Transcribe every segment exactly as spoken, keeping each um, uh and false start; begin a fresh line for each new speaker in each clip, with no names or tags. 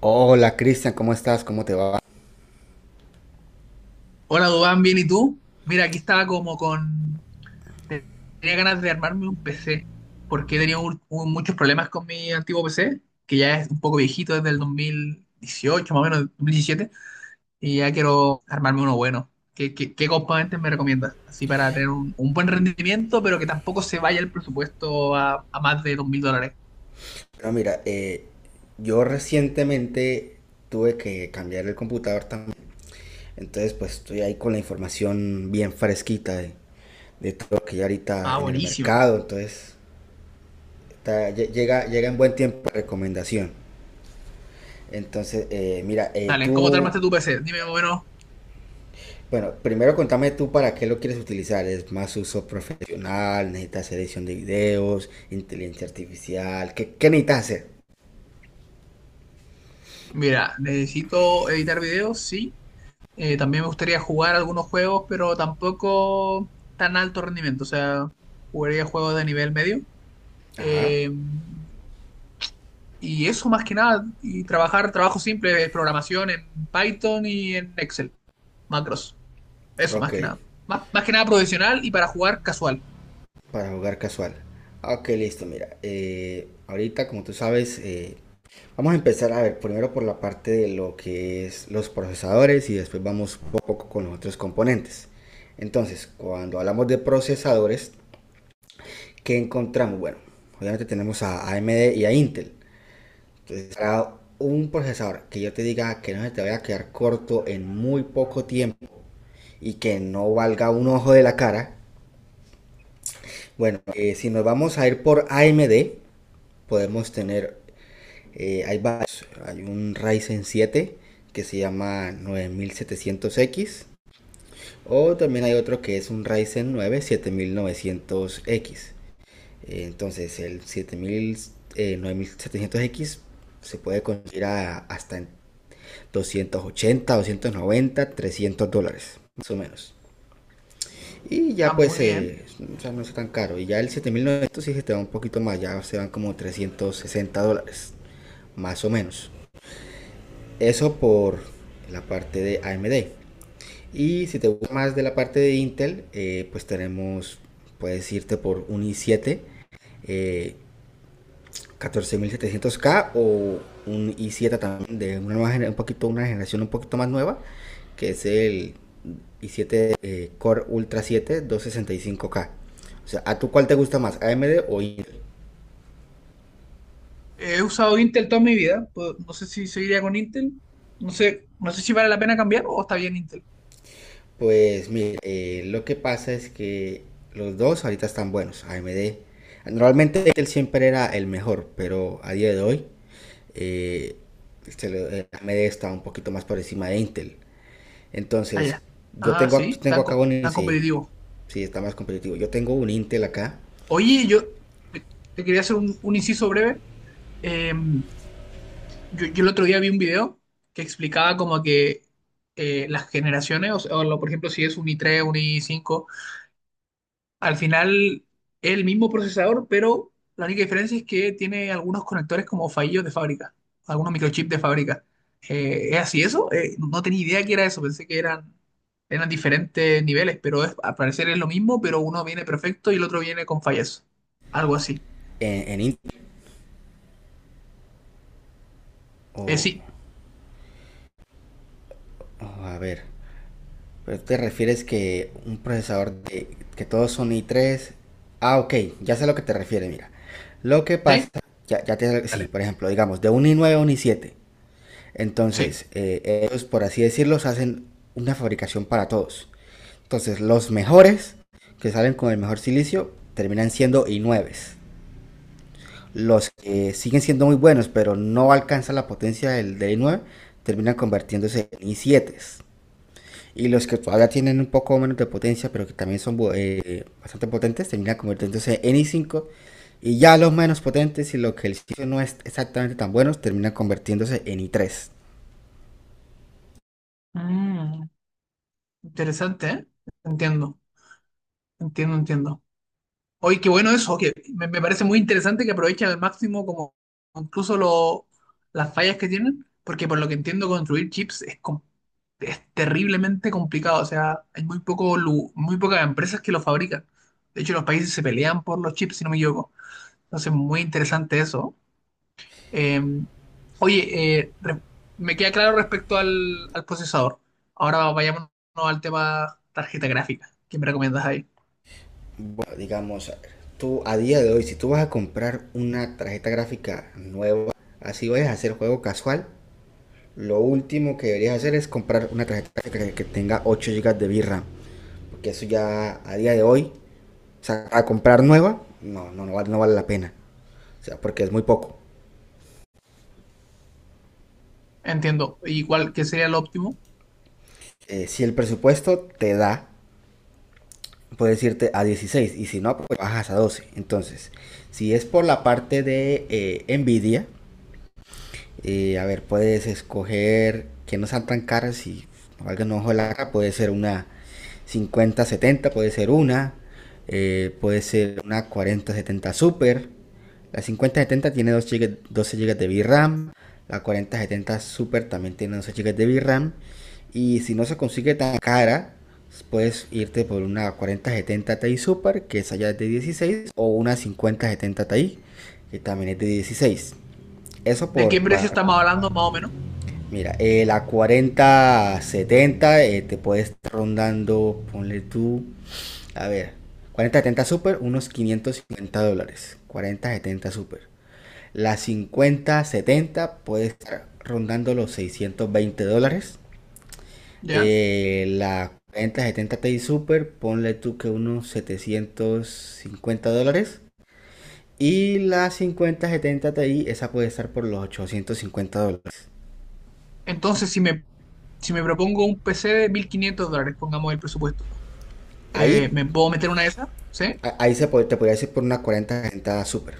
Hola Cristian, ¿cómo estás? ¿Cómo te va?
Hola, Dubán, ¿bien y tú? Mira, aquí estaba como con... Tenía ganas de armarme un P C, porque he tenido un- un- muchos problemas con mi antiguo P C, que ya es un poco viejito desde el dos mil dieciocho, más o menos, dos mil diecisiete, y ya quiero armarme uno bueno. ¿Qué, qué- qué componentes me recomiendas? Así para tener un, un buen rendimiento, pero que tampoco se vaya el presupuesto a, a más de dos mil dólares.
Bueno, mira, eh, yo recientemente tuve que cambiar el computador también, entonces pues estoy ahí con la información bien fresquita de, de todo lo que hay ahorita
Ah,
en el
buenísima.
mercado, entonces está- lle- llega, llega en buen tiempo la recomendación. Entonces, eh, mira, eh,
Dale, ¿cómo te
tú,
armaste tu P C? Dime más o menos.
bueno, primero contame tú para qué lo quieres utilizar, ¿es más uso profesional? ¿Necesitas edición de videos? ¿Inteligencia artificial? ¿Qué, qué necesitas hacer?
Mira, necesito editar videos, sí. Eh, también me gustaría jugar algunos juegos, pero tampoco tan alto rendimiento. O sea, jugaría juegos de nivel medio.
Ajá,
Eh, y eso más que nada. Y trabajar trabajo simple de programación en Python y en Excel. Macros. Eso más
ok.
que nada. Más, más que nada profesional y para jugar casual.
Para jugar casual. Ah, ok, listo, mira. eh, ahorita, como tú sabes, eh, vamos a empezar a ver primero por la parte de lo que es los procesadores y después vamos poco a poco con los otros componentes. Entonces, cuando hablamos de procesadores, ¿qué encontramos? Bueno, obviamente tenemos a AMD y a Intel. Entonces, para un procesador que yo te diga que no se te vaya a quedar corto en muy poco tiempo y que no valga un ojo de la cara, bueno, eh, si nos vamos a ir por A M D, podemos tener, eh, hay varios, hay un Ryzen siete que se llama nueve mil setecientos x o también hay otro que es un Ryzen nueve siete mil novecientos x, entonces el nueve mil setecientos x se puede conseguir a- hasta en doscientos ochenta, doscientos noventa, trescientos dólares, más o menos. Y
Ah,
ya pues,
muy bien.
eh, o sea, no es tan caro. Y ya el siete mil novecientos sí se te va un poquito más, ya se van como trescientos sesenta dólares, más o menos. Eso por la parte de A M D. Y si te gusta más de la parte de Intel, eh, pues tenemos, puedes irte por un i siete eh, catorce mil setecientos K o un i siete también de una, nueva, un poquito, una generación un poquito más nueva, que es el i siete eh, Core Ultra 7 265K. O sea, ¿a tú cuál te gusta más, A M D o Intel?
He usado Intel toda mi vida. Pues, no sé si seguiría con Intel. No sé, no sé si vale la pena cambiar o está bien Intel.
Pues mire, eh, lo que pasa es que los dos ahorita están buenos, A M D. Normalmente él siempre era el mejor, pero a día de hoy eh, se le- eh, A M D está un poquito más por encima de Intel.
Ah,
Entonces,
ya.
yo
Ah,
tengo, ac-
sí,
tengo
tan,
acá
com-
un Intel.
tan
Sí,
competitivo.
sí, está más competitivo. Yo tengo un Intel acá,
Oye, yo te, te quería hacer un, un inciso breve. Eh, yo, yo el otro día vi un video que explicaba como que eh, las generaciones, o, sea, o lo- por ejemplo, si es un i tres, un i cinco, al final es el mismo procesador, pero la única diferencia es que tiene algunos conectores como fallidos de fábrica, algunos microchips de fábrica. Eh, ¿es así eso? Eh, no tenía idea que era eso, pensé que eran, eran diferentes niveles, pero es, al parecer es lo mismo, pero uno viene perfecto y el otro viene con fallas, algo así.
en, en Intel,
Eh,
o
sí.
o a ver. Pero te refieres que un procesador de que todos son i tres. Ah, ok, ya sé a lo que te refieres, mira. Lo que pasa,
¿Sí?
ya, ya te, sí,
Dale.
por ejemplo, digamos, de un i nueve a un i siete.
Sí.
Entonces, eh, ellos, por así decirlo, hacen una fabricación para todos. Entonces, los mejores, que salen con el mejor silicio, terminan siendo i nueves. Los que siguen siendo muy buenos, pero no alcanzan la potencia del, del i nueve, terminan convirtiéndose en i sietes. Y los que todavía tienen un poco menos de potencia, pero que también son eh, bastante potentes, terminan convirtiéndose en i cinco. Y ya los menos potentes y lo que el sitio no es exactamente tan buenos, terminan convirtiéndose en i tres.
Mm, interesante, ¿eh? Entiendo, entiendo, entiendo. Oye, qué bueno eso, que me, me parece muy interesante que aprovechen al máximo como incluso lo- las fallas que tienen, porque por lo que entiendo construir chips es, com- es terriblemente complicado, o sea, hay muy poco, lu- muy pocas empresas que lo fabrican. De hecho, los países se pelean por los chips, si no me equivoco. Entonces, muy interesante eso. Eh, oye, eh, re- Me queda claro respecto al, al procesador. Ahora vayámonos al tema tarjeta gráfica. ¿Qué me recomiendas ahí?
Bueno, digamos, tú a día de hoy, si tú vas a comprar una tarjeta gráfica nueva, así vayas a hacer juego casual, lo último que deberías hacer es comprar una tarjeta gráfica que tenga ocho gigas de VRAM. Porque eso ya a día de hoy, o sea, a comprar nueva, no, no, no, vale, no vale la pena. O sea, porque es muy poco.
Entiendo. ¿Y cuál qué sería el óptimo?
eh, si el presupuesto te da, puedes irte a dieciséis, y si no, pues bajas a doce. Entonces, si es por la parte de eh, Nvidia, eh, a ver, puedes escoger que no sean tan caras y valgan un ojo de la cara. Puede ser una cincuenta setenta, puede ser una. eh, puede ser una cuarenta setenta Super. La cincuenta setenta tiene dos gigas doce gigas de VRAM. La cuarenta setenta Super también tiene doce gigas de VRAM. Y si no se consigue tan cara, puedes irte por una cuarenta setenta Ti Super, que esa ya es de dieciséis, o una cincuenta setenta Ti, que también es de dieciséis. Eso
¿De qué
por,
precio estamos hablando más o menos?
mira, eh, la cuarenta setenta eh, te puede estar rondando, ponle tú, a ver, cuarenta setenta Super, unos quinientos cincuenta dólares. cuarenta setenta Super. La cincuenta setenta puede estar rondando los seiscientos veinte dólares.
¿Ya?
Eh, la cuarenta setenta Ti Super, ponle tú que unos setecientos cincuenta dólares. Y la cincuenta setenta Ti, esa puede estar por los ochocientos cincuenta dólares.
Entonces, si me, si me propongo un P C de mil quinientos dólares, pongamos el presupuesto,
Ahí
eh, ¿me puedo meter una de esas? ¿Sí?
A- Ahí se pod- te podría decir por una cuarenta super,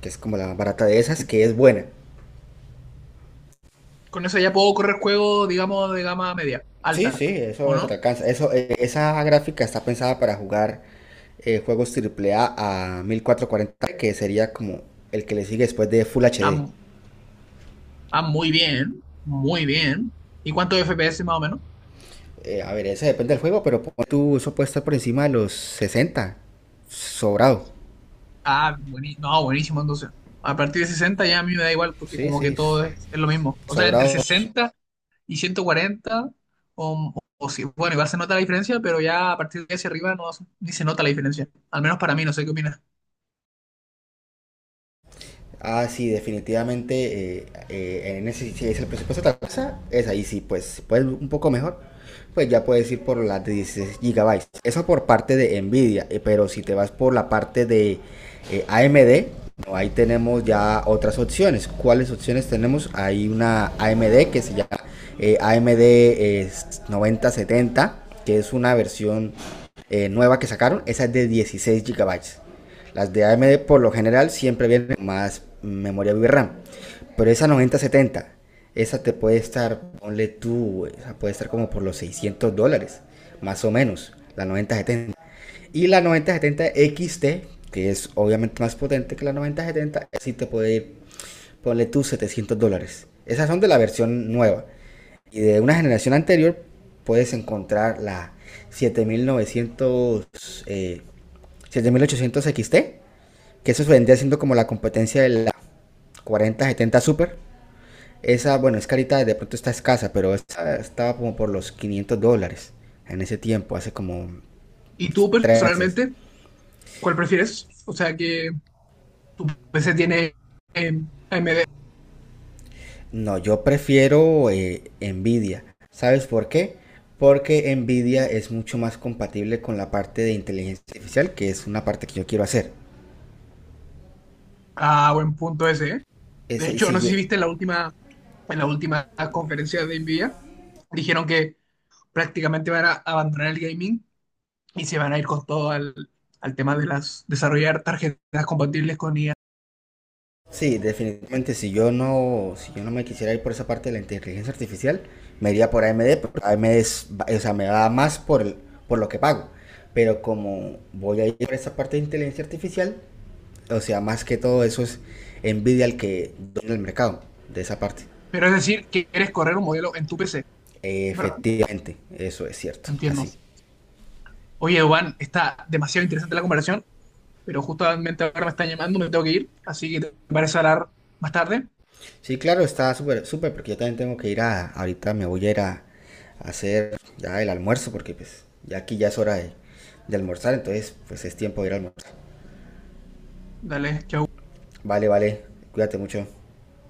que es como la más barata de esas, que es buena.
Con eso ya puedo correr juegos, digamos, de gama media,
Sí, sí,
alta, ¿o
eso te
no?
alcanza. Eso, eh, esa gráfica está pensada para jugar eh, juegos triple a a catorce cuarenta, que sería como el que le sigue después de Full
Ah,
H D.
mu- ah, muy bien, muy bien. ¿Y cuántos F P S más o menos?
Eh, a ver, eso depende del juego, pero pon tú, eso puede estar por encima de los sesenta. Sobrado.
Ah, buenísimo. No, buenísimo, entonces. A partir de sesenta ya a mí me da igual porque
Sí,
como que
sí, s-
todo es, es lo mismo. O sea, entre
sobrado.
sesenta y ciento cuarenta, o, o sí, bueno, igual se nota la diferencia, pero ya a partir de hacia arriba no, ni se nota la diferencia. Al menos para mí, no sé qué opinas.
Ah, sí, definitivamente, eh, eh, en ese, si es el presupuesto de la casa, es ahí sí, pues si puedes un poco mejor, pues ya puedes ir por las de dieciséis gigabytes. Eso por parte de Nvidia, eh, pero si te vas por la parte de eh, A M D, no, ahí tenemos ya otras opciones. ¿Cuáles opciones tenemos? Hay una A M D que se llama eh, A M D eh, noventa setenta, que es una versión eh, nueva que sacaron, esa es de dieciséis gigabytes. Las de A M D por lo general siempre vienen más memoria VRAM. Pero esa noventa setenta, esa te puede estar, ponle tú, esa puede estar como por los seiscientos dólares, más o menos, la noventa setenta. Y la noventa setenta X T, que es obviamente más potente que la noventa setenta, sí te puede ir, ponle tú, setecientos dólares. Esas son de la versión nueva. Y de una generación anterior puedes encontrar la siete mil novecientos, eh, siete mil ochocientos X T, que eso se vendría siendo como la competencia de la cuarenta setenta Super. Esa, bueno, es carita, de pronto está escasa, pero esta estaba como por los quinientos dólares en ese tiempo, hace como
¿Y tú
tres meses.
personalmente, cuál prefieres? O sea, que tu P C tiene eh, A M D a M D.
No, yo prefiero eh, Nvidia. ¿Sabes por qué? Porque Nvidia es mucho más compatible con la parte de inteligencia artificial, que es una parte que yo quiero hacer.
Ah, buen punto ese, ¿eh? De
Ese,
hecho,
si
no sé
yo,
si viste en la última, en la última conferencia de NVIDIA, dijeron que prácticamente van a abandonar el gaming y se van a ir con todo al, al tema de las desarrollar tarjetas compatibles con I A.
Sí, definitivamente, si yo no, si yo no me quisiera ir por esa parte de la inteligencia artificial, me iría por A M D, porque A M D es, o sea, me da más por el- por lo que pago. Pero como voy a ir por esa parte de inteligencia artificial, o sea, más que todo eso es Nvidia el que domina el mercado de esa parte.
Pero es decir, que quieres correr un modelo en tu P C, ¿verdad?
Efectivamente, eso es cierto,
Entiendo.
así.
Oye, Juan, está demasiado interesante la conversación, pero justamente ahora me están llamando, me tengo que ir, así que te parece hablar más tarde.
Sí, claro, está súper, súper, porque yo también tengo que ir a, ahorita me voy a ir a, a hacer ya el almuerzo, porque pues ya aquí ya es hora de, de almorzar, entonces pues es tiempo de ir a almorzar.
Dale, chao.
Vale, vale, cuídate mucho.